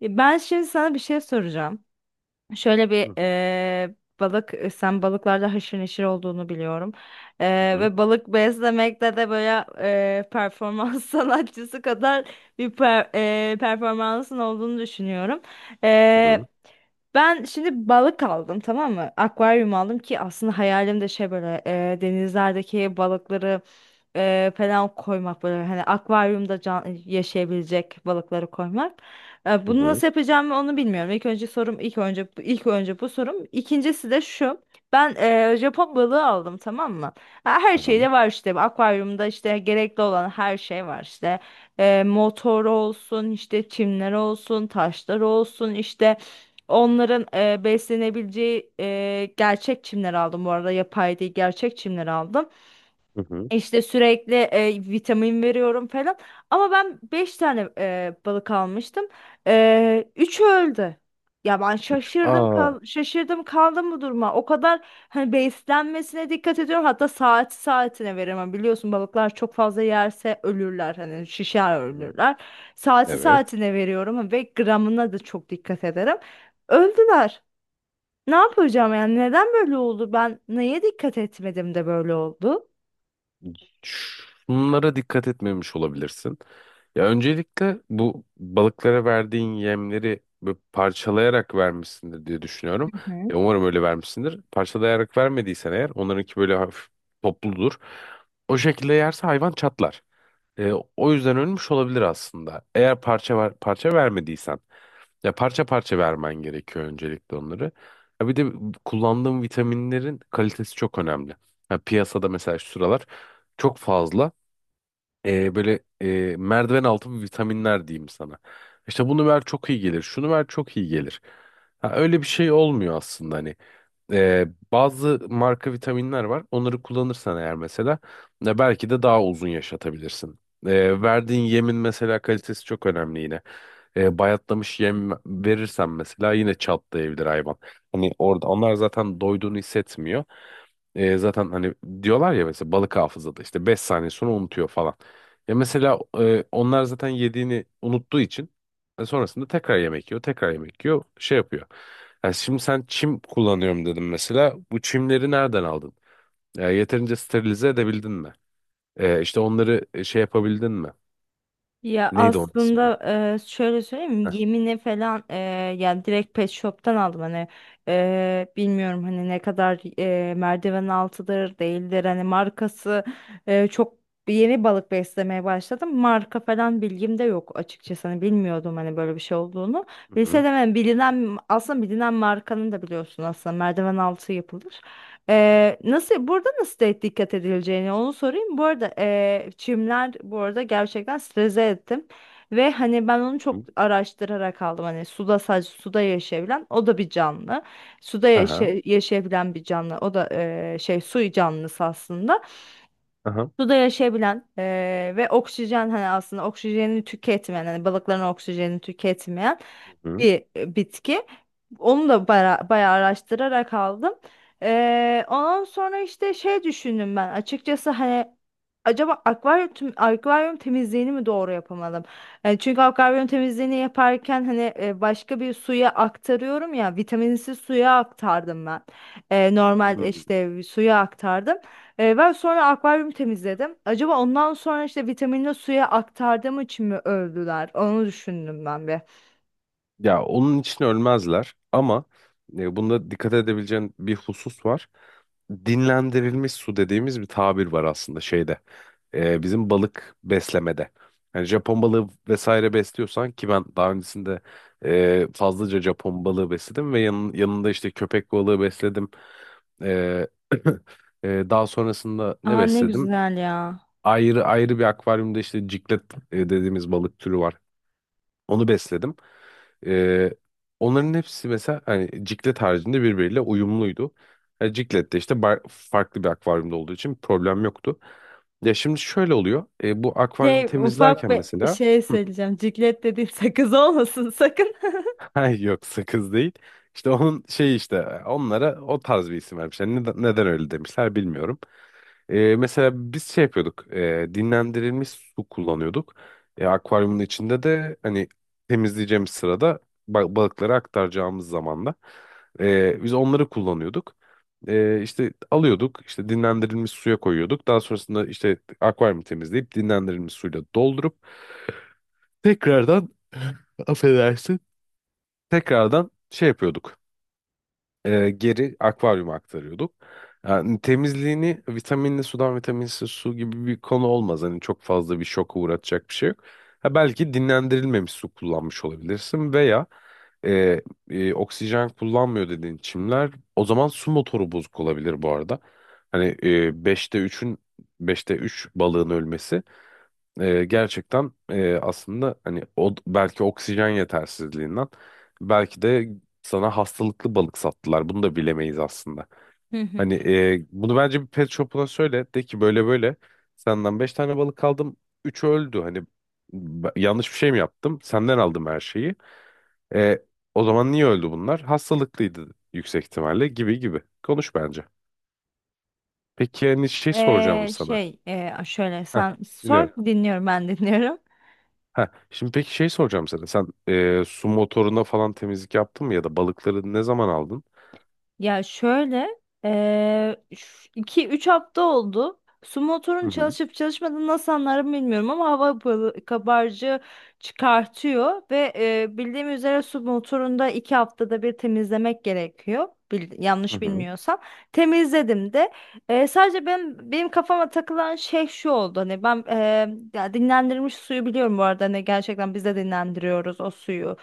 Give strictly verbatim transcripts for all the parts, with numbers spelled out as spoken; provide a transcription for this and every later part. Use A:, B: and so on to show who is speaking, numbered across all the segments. A: E, Ben şimdi sana bir şey soracağım. Şöyle
B: Hı
A: bir
B: hı,
A: e, balık, e, sen balıklarda haşır neşir olduğunu biliyorum. E,
B: hı
A: ve balık beslemekte de böyle e, performans sanatçısı kadar bir per- e, performansın olduğunu düşünüyorum.
B: hı, hı
A: E, Ben şimdi balık aldım, tamam mı? Akvaryum aldım ki aslında hayalim de şey böyle, e, denizlerdeki balıkları e, falan koymak, böyle hani akvaryumda can yaşayabilecek balıkları koymak. E,
B: hı,
A: Bunu
B: hı,
A: nasıl yapacağımı onu bilmiyorum. İlk önce sorum ilk önce ilk önce bu sorum. İkincisi de şu. Ben e, Japon balığı aldım, tamam mı? Ha, her
B: tamam,
A: şeyde var işte. Akvaryumda işte gerekli olan her şey var işte. E, motor olsun, işte çimler olsun, taşlar olsun, işte onların e, beslenebileceği e, gerçek çimler aldım bu arada. Yapay değil, gerçek çimler aldım.
B: hı hı.
A: İşte sürekli e, vitamin veriyorum falan. Ama ben beş tane e, balık almıştım. E, üçü öldü. Ya ben
B: Üç.
A: şaşırdım
B: Aa.
A: kal şaşırdım kaldım bu duruma. O kadar hani beslenmesine dikkat ediyorum. Hatta saat saatine veririm. Hani biliyorsun, balıklar çok fazla yerse ölürler. Hani şişer
B: Hı hı.
A: ölürler. Saati
B: Evet.
A: saatine veriyorum ve gramına da çok dikkat ederim. Öldüler. Ne yapacağım yani? Neden böyle oldu? Ben neye dikkat etmedim de böyle oldu?
B: Şunlara dikkat etmemiş olabilirsin. Ya öncelikle bu balıklara verdiğin yemleri böyle parçalayarak vermişsindir diye düşünüyorum. Ya umarım öyle vermişsindir. Parçalayarak vermediysen eğer onlarınki böyle hafif topludur. O şekilde yerse hayvan çatlar. E, o yüzden ölmüş olabilir aslında. Eğer parça var, parça vermediysen. Ya parça parça vermen gerekiyor öncelikle onları. Ya bir de kullandığım vitaminlerin kalitesi çok önemli. Ya piyasada mesela şu sıralar çok fazla e, böyle e, merdiven altı vitaminler diyeyim sana. İşte bunu ver çok iyi gelir, şunu ver çok iyi gelir. Ha, öyle bir şey olmuyor aslında hani. E, bazı marka vitaminler var. Onları kullanırsan eğer mesela e, belki de daha uzun yaşatabilirsin. E, verdiğin yemin mesela kalitesi çok önemli yine. E, bayatlamış yem verirsen mesela yine çatlayabilir hayvan. Hani orada onlar zaten doyduğunu hissetmiyor. E, zaten hani diyorlar ya mesela balık hafızada işte beş saniye sonra unutuyor falan. Ya mesela e, onlar zaten yediğini unuttuğu için e, sonrasında tekrar yemek yiyor, tekrar yemek yiyor, şey yapıyor. Yani şimdi sen çim kullanıyorum dedim mesela. Bu çimleri nereden aldın? E, yeterince sterilize edebildin mi? E, işte onları e, şey yapabildin mi?
A: Ya
B: Neydi onun ismi?
A: aslında e, şöyle söyleyeyim,
B: Heh.
A: yemine falan e, yani direkt pet shop'tan aldım, hani e, bilmiyorum hani ne kadar e, merdiven altıdır değildir hani markası, e, çok yeni balık beslemeye başladım, marka falan bilgim de yok açıkçası, hani bilmiyordum hani böyle bir şey olduğunu,
B: Hı hı.
A: bilseydim hani bilinen, aslında bilinen markanın da biliyorsun aslında merdiven altı yapılır. Ee, nasıl, burada nasıl de dikkat edileceğini onu sorayım. Bu arada ee, çimler bu arada gerçekten strese ettim. Ve hani ben onu
B: Hı
A: çok
B: hı.
A: araştırarak aldım. Hani suda, sadece suda yaşayabilen o da bir canlı. Suda
B: Aha.
A: yaşa- yaşayabilen bir canlı. O da ee, şey su canlısı aslında.
B: Aha.
A: Suda yaşayabilen ee, ve oksijen, hani aslında oksijenini tüketmeyen, hani balıkların oksijenini tüketmeyen
B: Hı hı.
A: bir e, bitki. Onu da bara- bayağı araştırarak aldım. Ee, ondan sonra işte şey düşündüm ben açıkçası, hani acaba akvaryum, tüm- akvaryum temizliğini mi doğru yapamadım? E, çünkü akvaryum temizliğini yaparken hani e, başka bir suya aktarıyorum ya, vitaminsiz suya aktardım ben. E, normal
B: Hı.
A: işte suya aktardım. E, ben sonra akvaryum temizledim. Acaba ondan sonra işte vitaminli suya aktardığım için mi övdüler? Onu düşündüm ben bir.
B: Ya onun için ölmezler ama e, bunda dikkat edebileceğin bir husus var. Dinlendirilmiş su dediğimiz bir tabir var aslında şeyde. Ee, bizim balık beslemede. Yani Japon balığı vesaire besliyorsan ki ben daha öncesinde e, fazlaca Japon balığı besledim ve yanın, yanında işte köpek balığı besledim. Ee, e, daha sonrasında ne
A: Aa, ne
B: besledim?
A: güzel ya.
B: Ayrı ayrı bir akvaryumda işte ciklet e, dediğimiz balık türü var. Onu besledim. Ee, Onların hepsi mesela hani ciklet haricinde birbiriyle uyumluydu. Yani ciklet de işte bar- farklı bir akvaryumda olduğu için problem yoktu. Ya şimdi şöyle oluyor. E, bu
A: Şey,
B: akvaryumu
A: ufak
B: temizlerken
A: bir
B: mesela.
A: şey
B: Hı.
A: söyleyeceğim. Ciklet dediğin sakız olmasın sakın.
B: Ay yok, sakız değil. İşte onun şey, işte onlara o tarz bir isim vermişler. Neden, neden öyle demişler bilmiyorum. E, mesela biz şey yapıyorduk. E, dinlendirilmiş su kullanıyorduk. E, akvaryumun içinde de hani temizleyeceğimiz sırada ba- balıkları aktaracağımız zamanda e, biz onları kullanıyorduk. E, işte alıyorduk, işte dinlendirilmiş suya koyuyorduk. Daha sonrasında işte akvaryumu temizleyip dinlendirilmiş suyla doldurup tekrardan affedersin. Tekrardan şey yapıyorduk, e, geri akvaryuma aktarıyorduk. Yani temizliğini vitaminli sudan vitaminsiz su gibi bir konu olmaz. Hani çok fazla bir şoka uğratacak bir şey yok. Ha, belki dinlendirilmemiş su kullanmış olabilirsin veya e, e, oksijen kullanmıyor dediğin çimler, o zaman su motoru bozuk olabilir bu arada. Hani e, beşte üçün beşte üç balığın ölmesi ee, gerçekten e, aslında hani o belki oksijen yetersizliğinden, belki de sana hastalıklı balık sattılar. Bunu da bilemeyiz aslında.
A: Hı hı.
B: Hani e, bunu bence bir pet shop'una söyle de ki böyle böyle senden beş tane balık aldım. üçü öldü. Hani b- yanlış bir şey mi yaptım? Senden aldım her şeyi. E, O zaman niye öldü bunlar? Hastalıklıydı yüksek ihtimalle, gibi gibi. Konuş bence. Peki hani şey soracağım
A: Ee,
B: sana.
A: şey e, şöyle
B: Heh,
A: sen
B: dinliyorum.
A: sor, dinliyorum, ben dinliyorum.
B: Ha, şimdi peki şey soracağım sana. Sen e, su motoruna falan temizlik yaptın mı ya da balıkları ne zaman aldın?
A: Ya şöyle, eee iki üç hafta oldu. Su
B: Hı
A: motorun
B: hı.
A: çalışıp çalışmadığını nasıl anlarım bilmiyorum ama hava balı- kabarcığı çıkartıyor ve eee bildiğim üzere su motorunda iki haftada bir temizlemek gerekiyor. Bil-
B: Hı
A: yanlış
B: hı.
A: bilmiyorsam. Temizledim de. Eee, sadece benim, benim kafama takılan şey şu oldu. Hani ben, eee, ya dinlendirilmiş suyu biliyorum bu arada. Hani gerçekten biz de dinlendiriyoruz o suyu.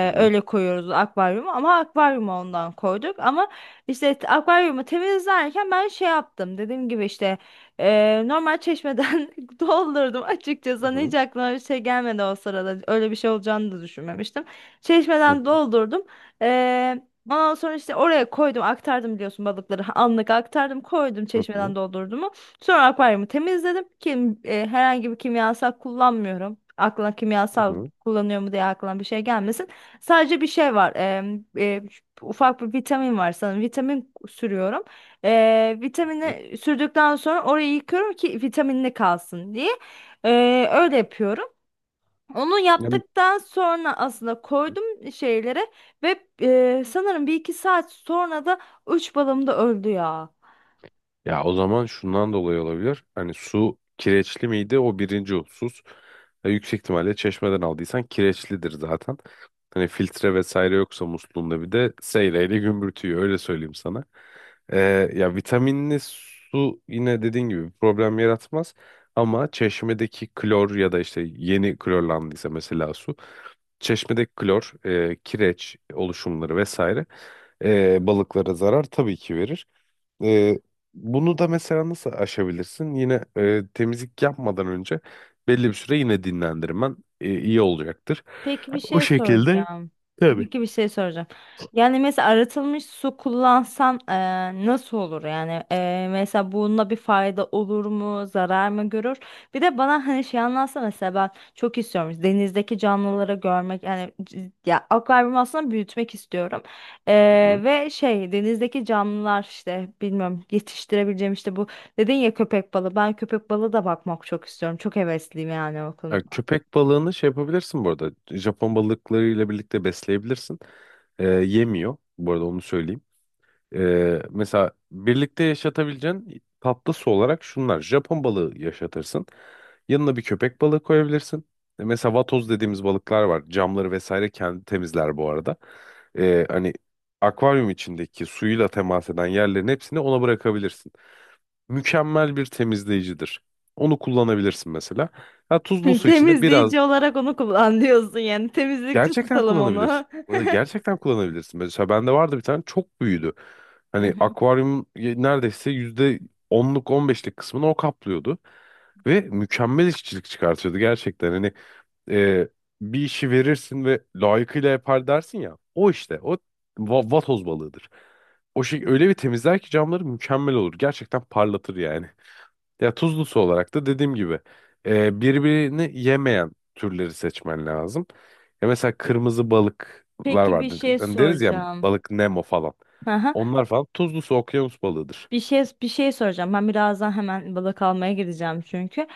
B: Hı hı.
A: Öyle koyuyoruz akvaryumu, ama akvaryumu ondan koyduk ama işte t- akvaryumu temizlerken ben şey yaptım, dediğim gibi işte e, normal çeşmeden doldurdum açıkçası.
B: Hı
A: Hani hiç
B: hı.
A: aklıma bir şey gelmedi o sırada, öyle bir şey olacağını da düşünmemiştim,
B: Hı
A: çeşmeden
B: hı.
A: doldurdum. Ee, ondan sonra işte oraya koydum, aktardım, biliyorsun, balıkları anlık aktardım, koydum,
B: Hı
A: çeşmeden
B: hı.
A: doldurdum. Sonra akvaryumu temizledim. Kim, e, herhangi bir kimyasal kullanmıyorum. Aklına
B: Hı
A: kimyasal
B: hı.
A: kullanıyor mu diye aklına bir şey gelmesin. Sadece bir şey var. Em, e, ufak bir vitamin var sanırım. Vitamin sürüyorum. E,
B: Hı hı.
A: vitamini sürdükten sonra orayı yıkıyorum ki vitaminli kalsın diye. E,
B: Hı
A: öyle
B: hı.
A: yapıyorum. Onu
B: Ya-
A: yaptıktan sonra aslında koydum şeylere ve e, sanırım bir iki saat sonra da üç balım da öldü ya.
B: Ya o zaman şundan dolayı olabilir. Hani su kireçli miydi? O birinci husus. E, yüksek ihtimalle çeşmeden aldıysan kireçlidir zaten. Hani filtre vesaire yoksa musluğunda bir de seyreyle gümbürtüyor, öyle söyleyeyim sana. E, Ya vitaminli su yine dediğin gibi bir problem yaratmaz. Ama çeşmedeki klor ya da işte yeni klorlandıysa mesela su. Çeşmedeki klor, e, kireç oluşumları vesaire e, balıklara zarar tabii ki verir. Ee, Bunu da mesela nasıl aşabilirsin? Yine e, temizlik yapmadan önce belli bir süre yine dinlendirmen e, iyi olacaktır.
A: Peki bir
B: O
A: şey
B: şekilde,
A: soracağım.
B: tabii.
A: Peki bir şey soracağım. Yani mesela arıtılmış su kullansan eee, nasıl olur? Yani eee, mesela bununla bir fayda olur mu? Zarar mı görür? Bir de bana hani şey anlatsa mesela, ben çok istiyorum. İşte denizdeki canlıları görmek yani c- ya akvaryumu aslında büyütmek istiyorum.
B: Hı hı.
A: Eee, ve şey denizdeki canlılar, işte bilmiyorum yetiştirebileceğim, işte bu dedin ya köpek balığı. Ben köpek balığı da bakmak çok istiyorum. Çok hevesliyim yani o
B: Ya
A: konuda.
B: köpek balığını şey yapabilirsin bu arada. Japon balıklarıyla birlikte besleyebilirsin. Ee, yemiyor. Bu arada onu söyleyeyim. Ee, mesela birlikte yaşatabileceğin tatlısı olarak şunlar. Japon balığı yaşatırsın. Yanına bir köpek balığı koyabilirsin. E, Mesela vatoz dediğimiz balıklar var. Camları vesaire kendi temizler bu arada. Ee, hani akvaryum içindeki suyuyla temas eden yerlerin hepsini ona bırakabilirsin. Mükemmel bir temizleyicidir. Onu kullanabilirsin mesela. Ha, tuzlu su içinde biraz.
A: Temizleyici olarak onu kullan diyorsun yani. Temizlikçi
B: Gerçekten
A: tutalım
B: kullanabilirsin.
A: onu.
B: Orada gerçekten kullanabilirsin. Mesela bende vardı bir tane, çok büyüdü.
A: Hı
B: Hani
A: hı.
B: akvaryum neredeyse yüzde onluk on beşlik kısmını o kaplıyordu. Ve mükemmel işçilik çıkartıyordu gerçekten. Hani e, bir işi verirsin ve layıkıyla yapar dersin ya. O işte o va- vatoz balığıdır. O şey öyle bir temizler ki camları mükemmel olur. Gerçekten parlatır yani. Ya tuzlusu olarak da dediğim gibi e, birbirini yemeyen türleri seçmen lazım. Ya mesela kırmızı balıklar
A: Peki bir
B: vardır.
A: şey
B: Hani deriz ya,
A: soracağım.
B: balık Nemo falan.
A: Aha,
B: Onlar falan tuzlusu okyanus balığıdır.
A: bir şey bir şey soracağım. Ben birazdan hemen balık almaya gideceğim çünkü.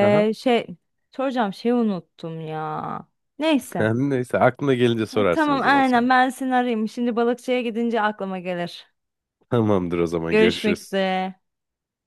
B: Aha.
A: Şey soracağım şeyi unuttum ya. Neyse.
B: Neyse, aklına gelince
A: E,
B: sorarsın o
A: tamam
B: zaman sonra.
A: aynen, ben seni arayayım. Şimdi balıkçıya gidince aklıma gelir.
B: Tamamdır, o zaman
A: Görüşmek
B: görüşürüz.
A: üzere.